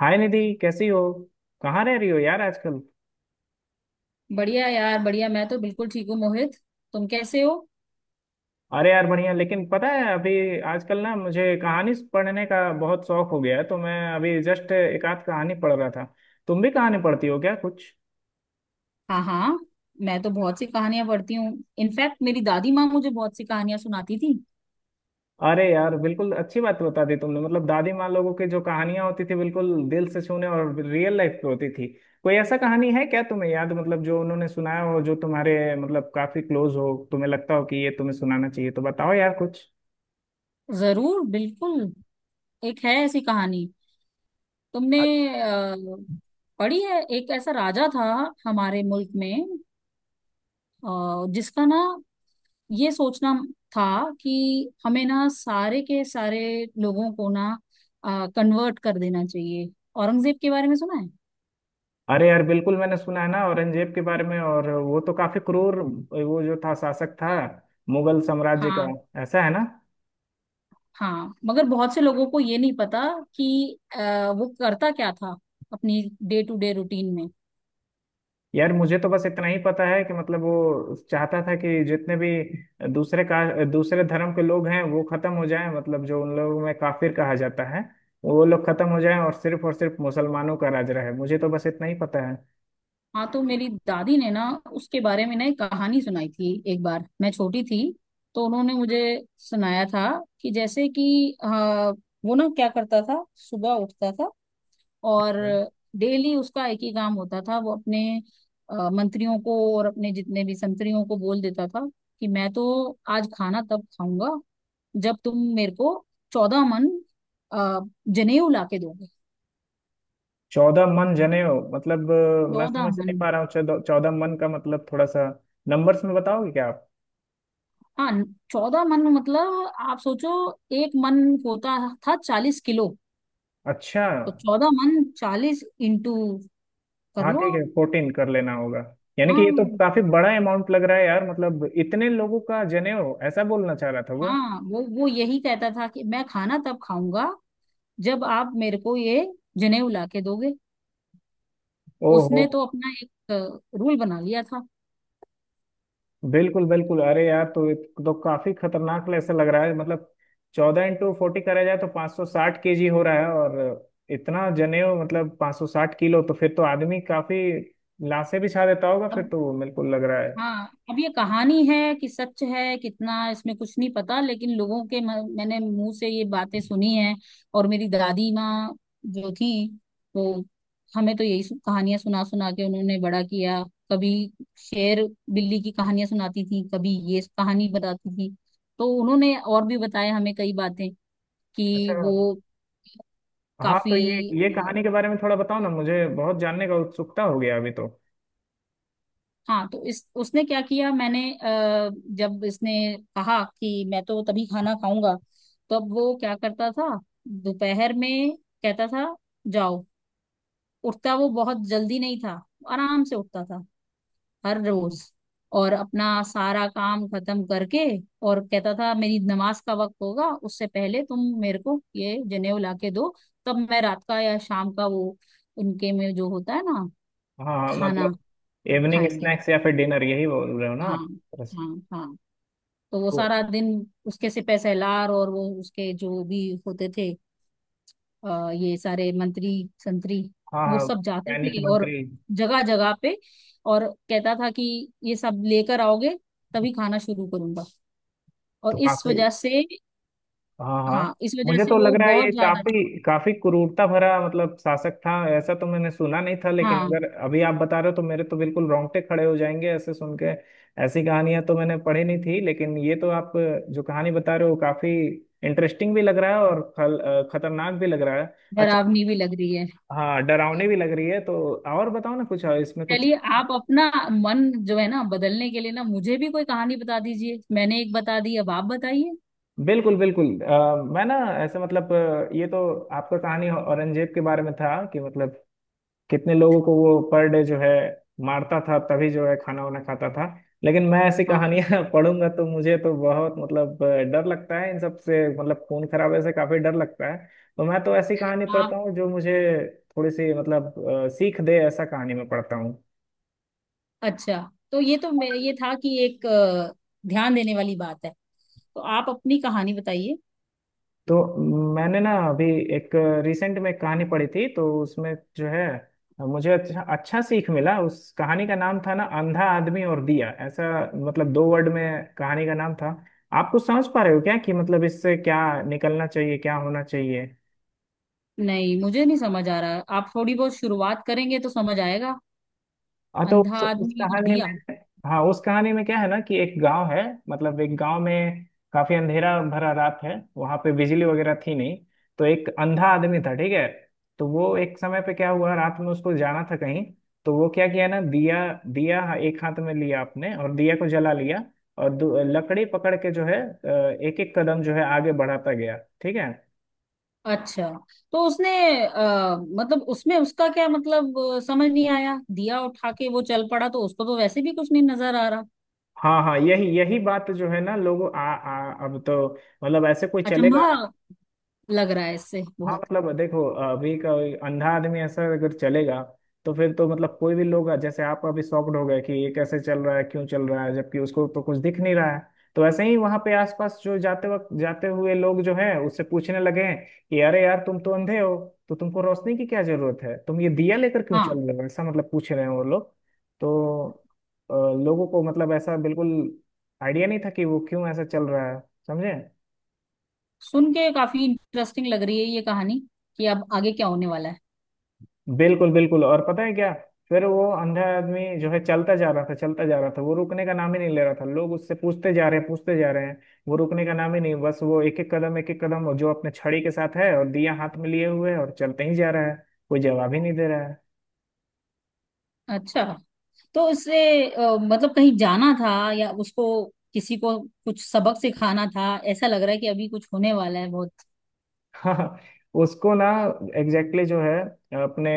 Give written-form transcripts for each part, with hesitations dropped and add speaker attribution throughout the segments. Speaker 1: हाय निधि, कैसी हो? कहाँ रह रही हो यार आजकल?
Speaker 2: बढ़िया यार बढ़िया। मैं तो बिल्कुल ठीक हूँ मोहित। तुम कैसे हो?
Speaker 1: अरे यार बढ़िया। लेकिन पता है, अभी आजकल ना मुझे कहानी पढ़ने का बहुत शौक हो गया है, तो मैं अभी जस्ट एक आध कहानी पढ़ रहा था। तुम भी कहानी पढ़ती हो क्या कुछ?
Speaker 2: हाँ हाँ, मैं तो बहुत सी कहानियां पढ़ती हूँ। इनफैक्ट मेरी दादी माँ मुझे बहुत सी कहानियां सुनाती थी।
Speaker 1: अरे यार बिल्कुल अच्छी बात बता दी तुमने। मतलब दादी माँ लोगों की जो कहानियां होती थी बिल्कुल दिल से छूने और रियल लाइफ पे होती थी। कोई ऐसा कहानी है क्या तुम्हें याद, मतलब जो उन्होंने सुनाया हो, जो तुम्हारे मतलब काफी क्लोज हो, तुम्हें लगता हो कि ये तुम्हें सुनाना चाहिए, तो बताओ यार कुछ।
Speaker 2: जरूर बिल्कुल। एक है ऐसी कहानी। तुमने अ, पढ़ी है? एक ऐसा राजा था हमारे मुल्क में, जिसका ना ये सोचना था कि हमें ना सारे के सारे लोगों को ना कन्वर्ट कर देना चाहिए। औरंगजेब के बारे में सुना है?
Speaker 1: अरे यार बिल्कुल, मैंने सुना है ना औरंगजेब के बारे में। और वो तो काफी क्रूर वो जो था शासक था मुगल साम्राज्य का,
Speaker 2: हाँ
Speaker 1: ऐसा है ना।
Speaker 2: हाँ, मगर बहुत से लोगों को ये नहीं पता कि वो करता क्या था अपनी डे टू डे रूटीन में।
Speaker 1: यार मुझे तो बस इतना ही पता है कि मतलब वो चाहता था कि जितने भी दूसरे का दूसरे धर्म के लोग हैं वो खत्म हो जाएं, मतलब जो उन लोगों में काफिर कहा जाता है वो लोग खत्म हो जाएं, और सिर्फ मुसलमानों का राज रहे। मुझे तो बस इतना ही पता है।
Speaker 2: हाँ तो मेरी दादी ने ना उसके बारे में ना एक कहानी सुनाई थी। एक बार मैं छोटी थी तो उन्होंने मुझे सुनाया था कि जैसे कि वो ना क्या करता था। सुबह उठता था और
Speaker 1: अच्छा।
Speaker 2: डेली उसका एक ही काम होता था। वो अपने मंत्रियों को और अपने जितने भी संतरियों को बोल देता था कि मैं तो आज खाना तब खाऊंगा जब तुम मेरे को 14 मन अ, जनेऊ ला के दोगे।
Speaker 1: चौदह मन जनेऊ मतलब मैं
Speaker 2: चौदह
Speaker 1: समझ
Speaker 2: मन
Speaker 1: नहीं पा रहा हूँ। 14 मन का मतलब थोड़ा सा नंबर्स में बताओगे क्या आप?
Speaker 2: हाँ, 14 मन मतलब आप सोचो 1 मन होता था 40 किलो।
Speaker 1: अच्छा।
Speaker 2: तो 14 मन 40 इंटू कर
Speaker 1: हाँ
Speaker 2: लो
Speaker 1: ठीक है,
Speaker 2: आप।
Speaker 1: 14 कर लेना होगा। यानी कि ये तो
Speaker 2: हाँ
Speaker 1: काफी बड़ा अमाउंट लग रहा है यार। मतलब इतने लोगों का जनेऊ ऐसा बोलना चाह रहा था वो।
Speaker 2: हाँ, वो यही कहता था कि मैं खाना तब खाऊंगा जब आप मेरे को ये जनेऊ ला के दोगे।
Speaker 1: ओहो।
Speaker 2: उसने तो अपना एक रूल बना लिया था।
Speaker 1: बिल्कुल बिल्कुल। अरे यार तो ये तो काफी खतरनाक ऐसा लग रहा है। मतलब 14 × 40 करा जाए तो 560 kg हो रहा है। और इतना जनेऊ, मतलब 560 किलो, तो फिर तो आदमी काफी लाशें बिछा देता होगा फिर
Speaker 2: अब
Speaker 1: तो, बिल्कुल लग रहा है।
Speaker 2: हाँ, अब ये कहानी है कि सच है कितना इसमें कुछ नहीं पता, लेकिन लोगों के मैंने मुंह से ये बातें सुनी हैं। और मेरी दादी माँ जो थी, तो हमें तो यही कहानियां सुना सुना के उन्होंने बड़ा किया। कभी शेर बिल्ली की कहानियां सुनाती थी, कभी ये कहानी बताती थी। तो उन्होंने और भी बताया हमें कई बातें
Speaker 1: अच्छा।
Speaker 2: कि वो
Speaker 1: हाँ तो
Speaker 2: काफी।
Speaker 1: ये कहानी के बारे में थोड़ा बताओ ना, मुझे बहुत जानने का उत्सुकता हो गया अभी तो।
Speaker 2: हाँ तो इस उसने क्या किया? मैंने जब इसने कहा कि मैं तो तभी खाना खाऊंगा, तब वो क्या करता था? दोपहर में कहता था जाओ। उठता वो बहुत जल्दी नहीं था, आराम से उठता था हर रोज। और अपना सारा काम खत्म करके और कहता था मेरी नमाज का वक्त होगा, उससे पहले तुम मेरे को ये जनेऊ ला के दो, तब मैं रात का या शाम का वो उनके में जो होता है ना
Speaker 1: हाँ हाँ,
Speaker 2: खाना
Speaker 1: मतलब इवनिंग
Speaker 2: खाएंगे।
Speaker 1: स्नैक्स या फिर डिनर यही बोल रहे हो ना
Speaker 2: हाँ
Speaker 1: आप? दरअसल।
Speaker 2: हाँ हाँ, तो वो
Speaker 1: तो
Speaker 2: सारा दिन उसके से पैसेदार और वो उसके जो भी होते थे, ये सारे मंत्री संतरी
Speaker 1: हाँ
Speaker 2: वो
Speaker 1: हाँ
Speaker 2: सब जाते
Speaker 1: वैज्ञानिक
Speaker 2: थे और
Speaker 1: मंत्री।
Speaker 2: जगह जगह पे। और कहता था कि ये सब लेकर आओगे तभी खाना शुरू करूंगा। और
Speaker 1: तो
Speaker 2: इस
Speaker 1: काफी।
Speaker 2: वजह से,
Speaker 1: हाँ हाँ,
Speaker 2: हाँ इस वजह
Speaker 1: मुझे तो
Speaker 2: से
Speaker 1: लग
Speaker 2: वो
Speaker 1: रहा है ये
Speaker 2: बहुत ज्यादा।
Speaker 1: काफी काफी क्रूरता भरा मतलब शासक था। ऐसा तो मैंने सुना नहीं था, लेकिन
Speaker 2: हाँ,
Speaker 1: अगर अभी आप बता रहे हो तो मेरे तो बिल्कुल रोंगटे खड़े हो जाएंगे ऐसे सुन के। ऐसी कहानियां तो मैंने पढ़ी नहीं थी, लेकिन ये तो आप जो कहानी बता रहे हो काफी इंटरेस्टिंग भी लग रहा है और खतरनाक भी लग रहा है। अच्छा।
Speaker 2: डरावनी भी लग रही है।
Speaker 1: हाँ डरावनी भी लग रही है तो। और बताओ ना कुछ इसमें कुछ।
Speaker 2: चलिए आप अपना मन जो है ना बदलने के लिए ना मुझे भी कोई कहानी बता दीजिए। मैंने एक बता दी, अब आप बताइए।
Speaker 1: बिल्कुल बिल्कुल। मैं ना ऐसे मतलब ये तो आपका कहानी औरंगजेब के बारे में था कि मतलब कितने लोगों को वो पर डे जो है मारता था तभी जो है खाना वाना खाता था। लेकिन मैं ऐसी
Speaker 2: हाँ,
Speaker 1: कहानियां पढ़ूंगा तो मुझे तो बहुत मतलब डर लगता है इन सब से। मतलब खून खराबे से काफी डर लगता है। तो मैं तो ऐसी कहानी पढ़ता
Speaker 2: आप।
Speaker 1: हूँ जो मुझे थोड़ी सी मतलब सीख दे, ऐसा कहानी में पढ़ता हूँ।
Speaker 2: अच्छा, तो ये तो ये था कि एक ध्यान देने वाली बात है। तो आप अपनी कहानी बताइए।
Speaker 1: तो मैंने ना अभी एक रिसेंट में कहानी पढ़ी थी, तो उसमें जो है मुझे अच्छा अच्छा सीख मिला। उस कहानी का नाम था ना अंधा आदमी और दिया, ऐसा मतलब 2 वर्ड में कहानी का नाम था। आप कुछ समझ पा रहे हो क्या कि मतलब इससे क्या निकलना चाहिए, क्या होना चाहिए?
Speaker 2: नहीं, मुझे नहीं समझ आ रहा, आप थोड़ी बहुत शुरुआत करेंगे तो समझ आएगा।
Speaker 1: हाँ तो
Speaker 2: अंधा
Speaker 1: उस
Speaker 2: आदमी और
Speaker 1: कहानी
Speaker 2: दिया।
Speaker 1: में। हाँ उस कहानी में क्या है ना कि एक गांव है, मतलब एक गांव में काफी अंधेरा भरा रात है, वहां पे बिजली वगैरह थी नहीं। तो एक अंधा आदमी था ठीक है। तो वो एक समय पे क्या हुआ, रात में उसको जाना था कहीं। तो वो क्या किया ना, दिया दिया एक हाथ में लिया आपने, और दिया को जला लिया। और लकड़ी पकड़ के जो है एक एक कदम जो है आगे बढ़ाता गया, ठीक है।
Speaker 2: अच्छा, तो उसने मतलब उसमें उसका क्या मतलब समझ नहीं आया। दिया उठा के वो चल पड़ा, तो उसको तो वैसे भी कुछ नहीं नजर आ रहा।
Speaker 1: हाँ हाँ, यही यही बात जो है ना, लोगों आ, आ अब तो मतलब ऐसे कोई चलेगा?
Speaker 2: अचंभा लग रहा है इससे
Speaker 1: हाँ
Speaker 2: बहुत।
Speaker 1: मतलब देखो अभी का अंधा आदमी ऐसा अगर चलेगा, तो फिर तो मतलब कोई भी लोग, जैसे आप अभी शॉक्ड हो गए कि ये कैसे चल रहा है, क्यों चल रहा है, जबकि उसको तो कुछ दिख नहीं रहा है। तो ऐसे ही वहां पे आसपास जो जाते वक्त, जाते हुए लोग जो हैं उससे पूछने लगे हैं कि अरे यार तुम तो अंधे हो, तो तुमको रोशनी की क्या जरूरत है, तुम ये दिया लेकर क्यों
Speaker 2: हाँ,
Speaker 1: चल रहे हो, ऐसा मतलब पूछ रहे हैं वो लोग। तो अ, लोगों को मतलब ऐसा बिल्कुल आइडिया नहीं था कि वो क्यों ऐसा चल रहा है, समझे?
Speaker 2: सुन के काफी इंटरेस्टिंग लग रही है ये कहानी कि अब आगे क्या होने वाला है।
Speaker 1: बिल्कुल बिल्कुल। और पता है क्या, फिर वो अंधा आदमी जो है चलता जा रहा था, चलता जा रहा था। वो रुकने का नाम ही नहीं ले रहा था। लोग उससे पूछते जा रहे हैं, पूछते जा रहे हैं। वो रुकने का नाम ही नहीं, बस वो एक एक कदम, एक एक कदम, और जो अपने छड़ी के साथ है और दिया हाथ में लिए हुए है और चलते ही जा रहा है। कोई जवाब ही नहीं दे रहा है।
Speaker 2: अच्छा, तो उससे मतलब कहीं जाना था या उसको किसी को कुछ सबक सिखाना था? ऐसा लग रहा है कि अभी कुछ होने वाला है बहुत।
Speaker 1: हाँ। उसको ना एग्जैक्टली जो है अपने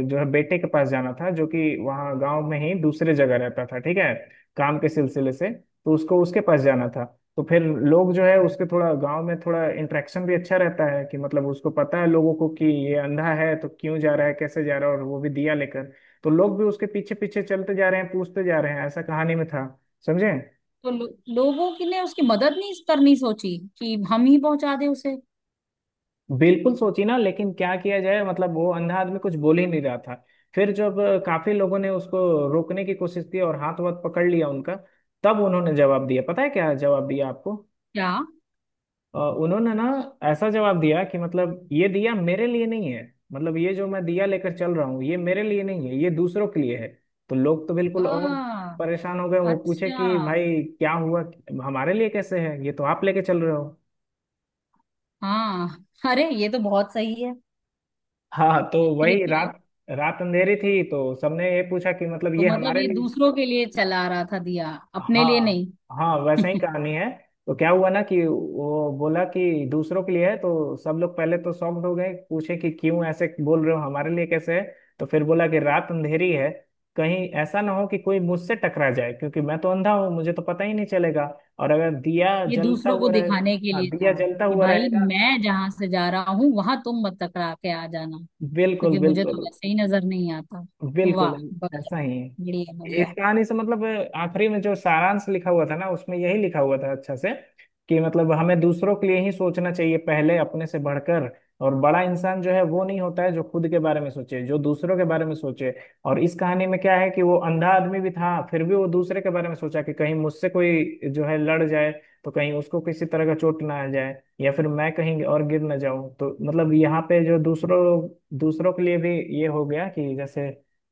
Speaker 1: जो है बेटे के पास जाना था, जो कि वहाँ गांव में ही दूसरे जगह रहता था ठीक है। काम के सिलसिले से तो उसको उसके पास जाना था। तो फिर लोग जो है उसके थोड़ा गांव में थोड़ा इंटरेक्शन भी अच्छा रहता है, कि मतलब उसको पता है लोगों को कि ये अंधा है, तो क्यों जा रहा है, कैसे जा रहा है, और वो भी दिया लेकर। तो लोग भी उसके पीछे पीछे चलते जा रहे हैं, पूछते जा रहे हैं, ऐसा कहानी में था, समझे?
Speaker 2: तो लोगों की ने उसकी मदद नहीं करनी सोची कि हम ही पहुंचा दे उसे?
Speaker 1: बिल्कुल सोची ना, लेकिन क्या किया जाए, मतलब वो अंधा आदमी कुछ बोल ही नहीं रहा था। फिर जब काफी लोगों ने उसको रोकने की कोशिश की, और हाथ वाथ पकड़ लिया उनका, तब उन्होंने जवाब दिया। पता है क्या जवाब दिया आपको?
Speaker 2: क्या?
Speaker 1: उन्होंने ना ऐसा जवाब दिया कि मतलब ये दिया मेरे लिए नहीं है। मतलब ये जो मैं दिया लेकर चल रहा हूँ ये मेरे लिए नहीं है, ये दूसरों के लिए है। तो लोग तो बिल्कुल और
Speaker 2: आ,
Speaker 1: परेशान हो गए। वो पूछे
Speaker 2: अच्छा।
Speaker 1: कि भाई क्या हुआ, हमारे लिए कैसे है, ये तो आप लेके चल रहे हो।
Speaker 2: हाँ, अरे ये तो बहुत सही है।
Speaker 1: हाँ तो
Speaker 2: ये
Speaker 1: वही
Speaker 2: तो
Speaker 1: रात, रात अंधेरी थी, तो सबने ये पूछा कि मतलब
Speaker 2: तो
Speaker 1: ये
Speaker 2: मतलब
Speaker 1: हमारे
Speaker 2: ये
Speaker 1: लिए।
Speaker 2: दूसरों के लिए चला रहा था दिया, अपने लिए
Speaker 1: हाँ
Speaker 2: नहीं?
Speaker 1: हाँ, वैसे ही कहानी है। तो क्या हुआ ना कि वो बोला कि दूसरों के लिए है, तो सब लोग पहले तो शॉक्ड हो गए, पूछे कि क्यों ऐसे बोल रहे हो, हमारे लिए कैसे है। तो फिर बोला कि रात अंधेरी है, कहीं ऐसा ना हो कि कोई मुझसे टकरा जाए, क्योंकि मैं तो अंधा हूँ, मुझे तो पता ही नहीं चलेगा। और अगर दिया
Speaker 2: ये
Speaker 1: जलता
Speaker 2: दूसरों को
Speaker 1: हुआ रहे।
Speaker 2: दिखाने के
Speaker 1: हाँ
Speaker 2: लिए
Speaker 1: दिया
Speaker 2: था
Speaker 1: जलता
Speaker 2: कि
Speaker 1: हुआ
Speaker 2: भाई
Speaker 1: रहेगा।
Speaker 2: मैं जहां से जा रहा हूँ वहां तुम मत टकरा के आ जाना,
Speaker 1: बिल्कुल
Speaker 2: क्योंकि मुझे
Speaker 1: बिल्कुल।
Speaker 2: तो वैसे ही नजर नहीं आता।
Speaker 1: बिल्कुल
Speaker 2: वाह
Speaker 1: ऐसा
Speaker 2: बढ़िया।
Speaker 1: ही है
Speaker 2: बढ़िया
Speaker 1: इस
Speaker 2: बढ़िया।
Speaker 1: कहानी से मतलब। आखिरी में जो सारांश लिखा हुआ था ना, उसमें यही लिखा हुआ था अच्छा से, कि मतलब हमें दूसरों के लिए ही सोचना चाहिए पहले अपने से बढ़कर। और बड़ा इंसान जो है वो नहीं होता है जो खुद के बारे में सोचे, जो दूसरों के बारे में सोचे। और इस कहानी में क्या है कि वो अंधा आदमी भी था फिर भी वो दूसरे के बारे में सोचा कि कहीं मुझसे कोई जो है लड़ जाए, तो कहीं उसको किसी तरह का चोट ना आ जाए, या फिर मैं कहीं और गिर ना जाऊं। तो मतलब यहाँ पे जो दूसरों दूसरों के लिए भी ये हो गया कि जैसे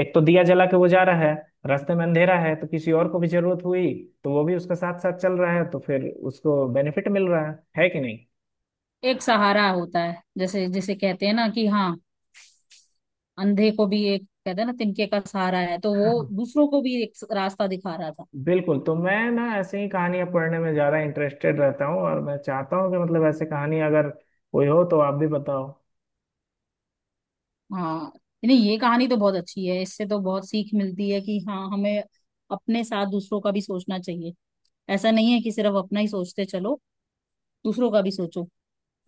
Speaker 1: एक तो दिया जला के वो जा रहा है, रास्ते में अंधेरा है, तो किसी और को भी जरूरत हुई तो वो भी उसके साथ साथ चल रहा है, तो फिर उसको बेनिफिट मिल रहा है कि नहीं?
Speaker 2: एक सहारा होता है, जैसे जैसे कहते हैं ना कि हाँ अंधे को भी एक कहते हैं ना तिनके का सहारा है, तो वो
Speaker 1: हाँ।
Speaker 2: दूसरों को भी एक रास्ता दिखा रहा था।
Speaker 1: बिल्कुल, तो मैं ना ऐसे ही कहानियां पढ़ने में ज्यादा इंटरेस्टेड रहता हूँ, और मैं चाहता हूँ कि मतलब ऐसे कहानी अगर कोई हो तो आप भी बताओ।
Speaker 2: हाँ नहीं, ये कहानी तो बहुत अच्छी है, इससे तो बहुत सीख मिलती है कि हाँ हमें अपने साथ दूसरों का भी सोचना चाहिए। ऐसा नहीं है कि सिर्फ अपना ही सोचते चलो, दूसरों का भी सोचो।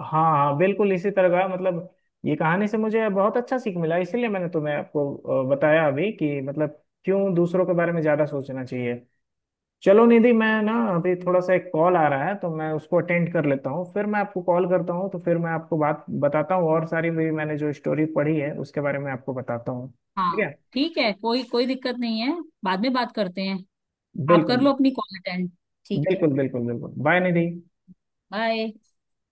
Speaker 1: हाँ हाँ बिल्कुल, इसी तरह का मतलब ये कहानी से मुझे बहुत अच्छा सीख मिला, इसीलिए मैंने तुम्हें आपको बताया अभी कि मतलब क्यों दूसरों के बारे में ज्यादा सोचना चाहिए। चलो निधि, मैं ना अभी थोड़ा सा एक कॉल आ रहा है, तो मैं उसको अटेंड कर लेता हूँ, फिर मैं आपको कॉल करता हूँ, तो फिर मैं आपको बात बताता हूँ, और सारी भी मैंने जो स्टोरी पढ़ी है उसके बारे में आपको बताता हूँ, ठीक
Speaker 2: हाँ
Speaker 1: है।
Speaker 2: ठीक है, कोई कोई दिक्कत नहीं है, बाद में बात करते हैं। आप कर
Speaker 1: बिल्कुल
Speaker 2: लो अपनी कॉल अटेंड। ठीक है।
Speaker 1: बिल्कुल बिल्कुल बिल्कुल बाय निधि।
Speaker 2: बाय।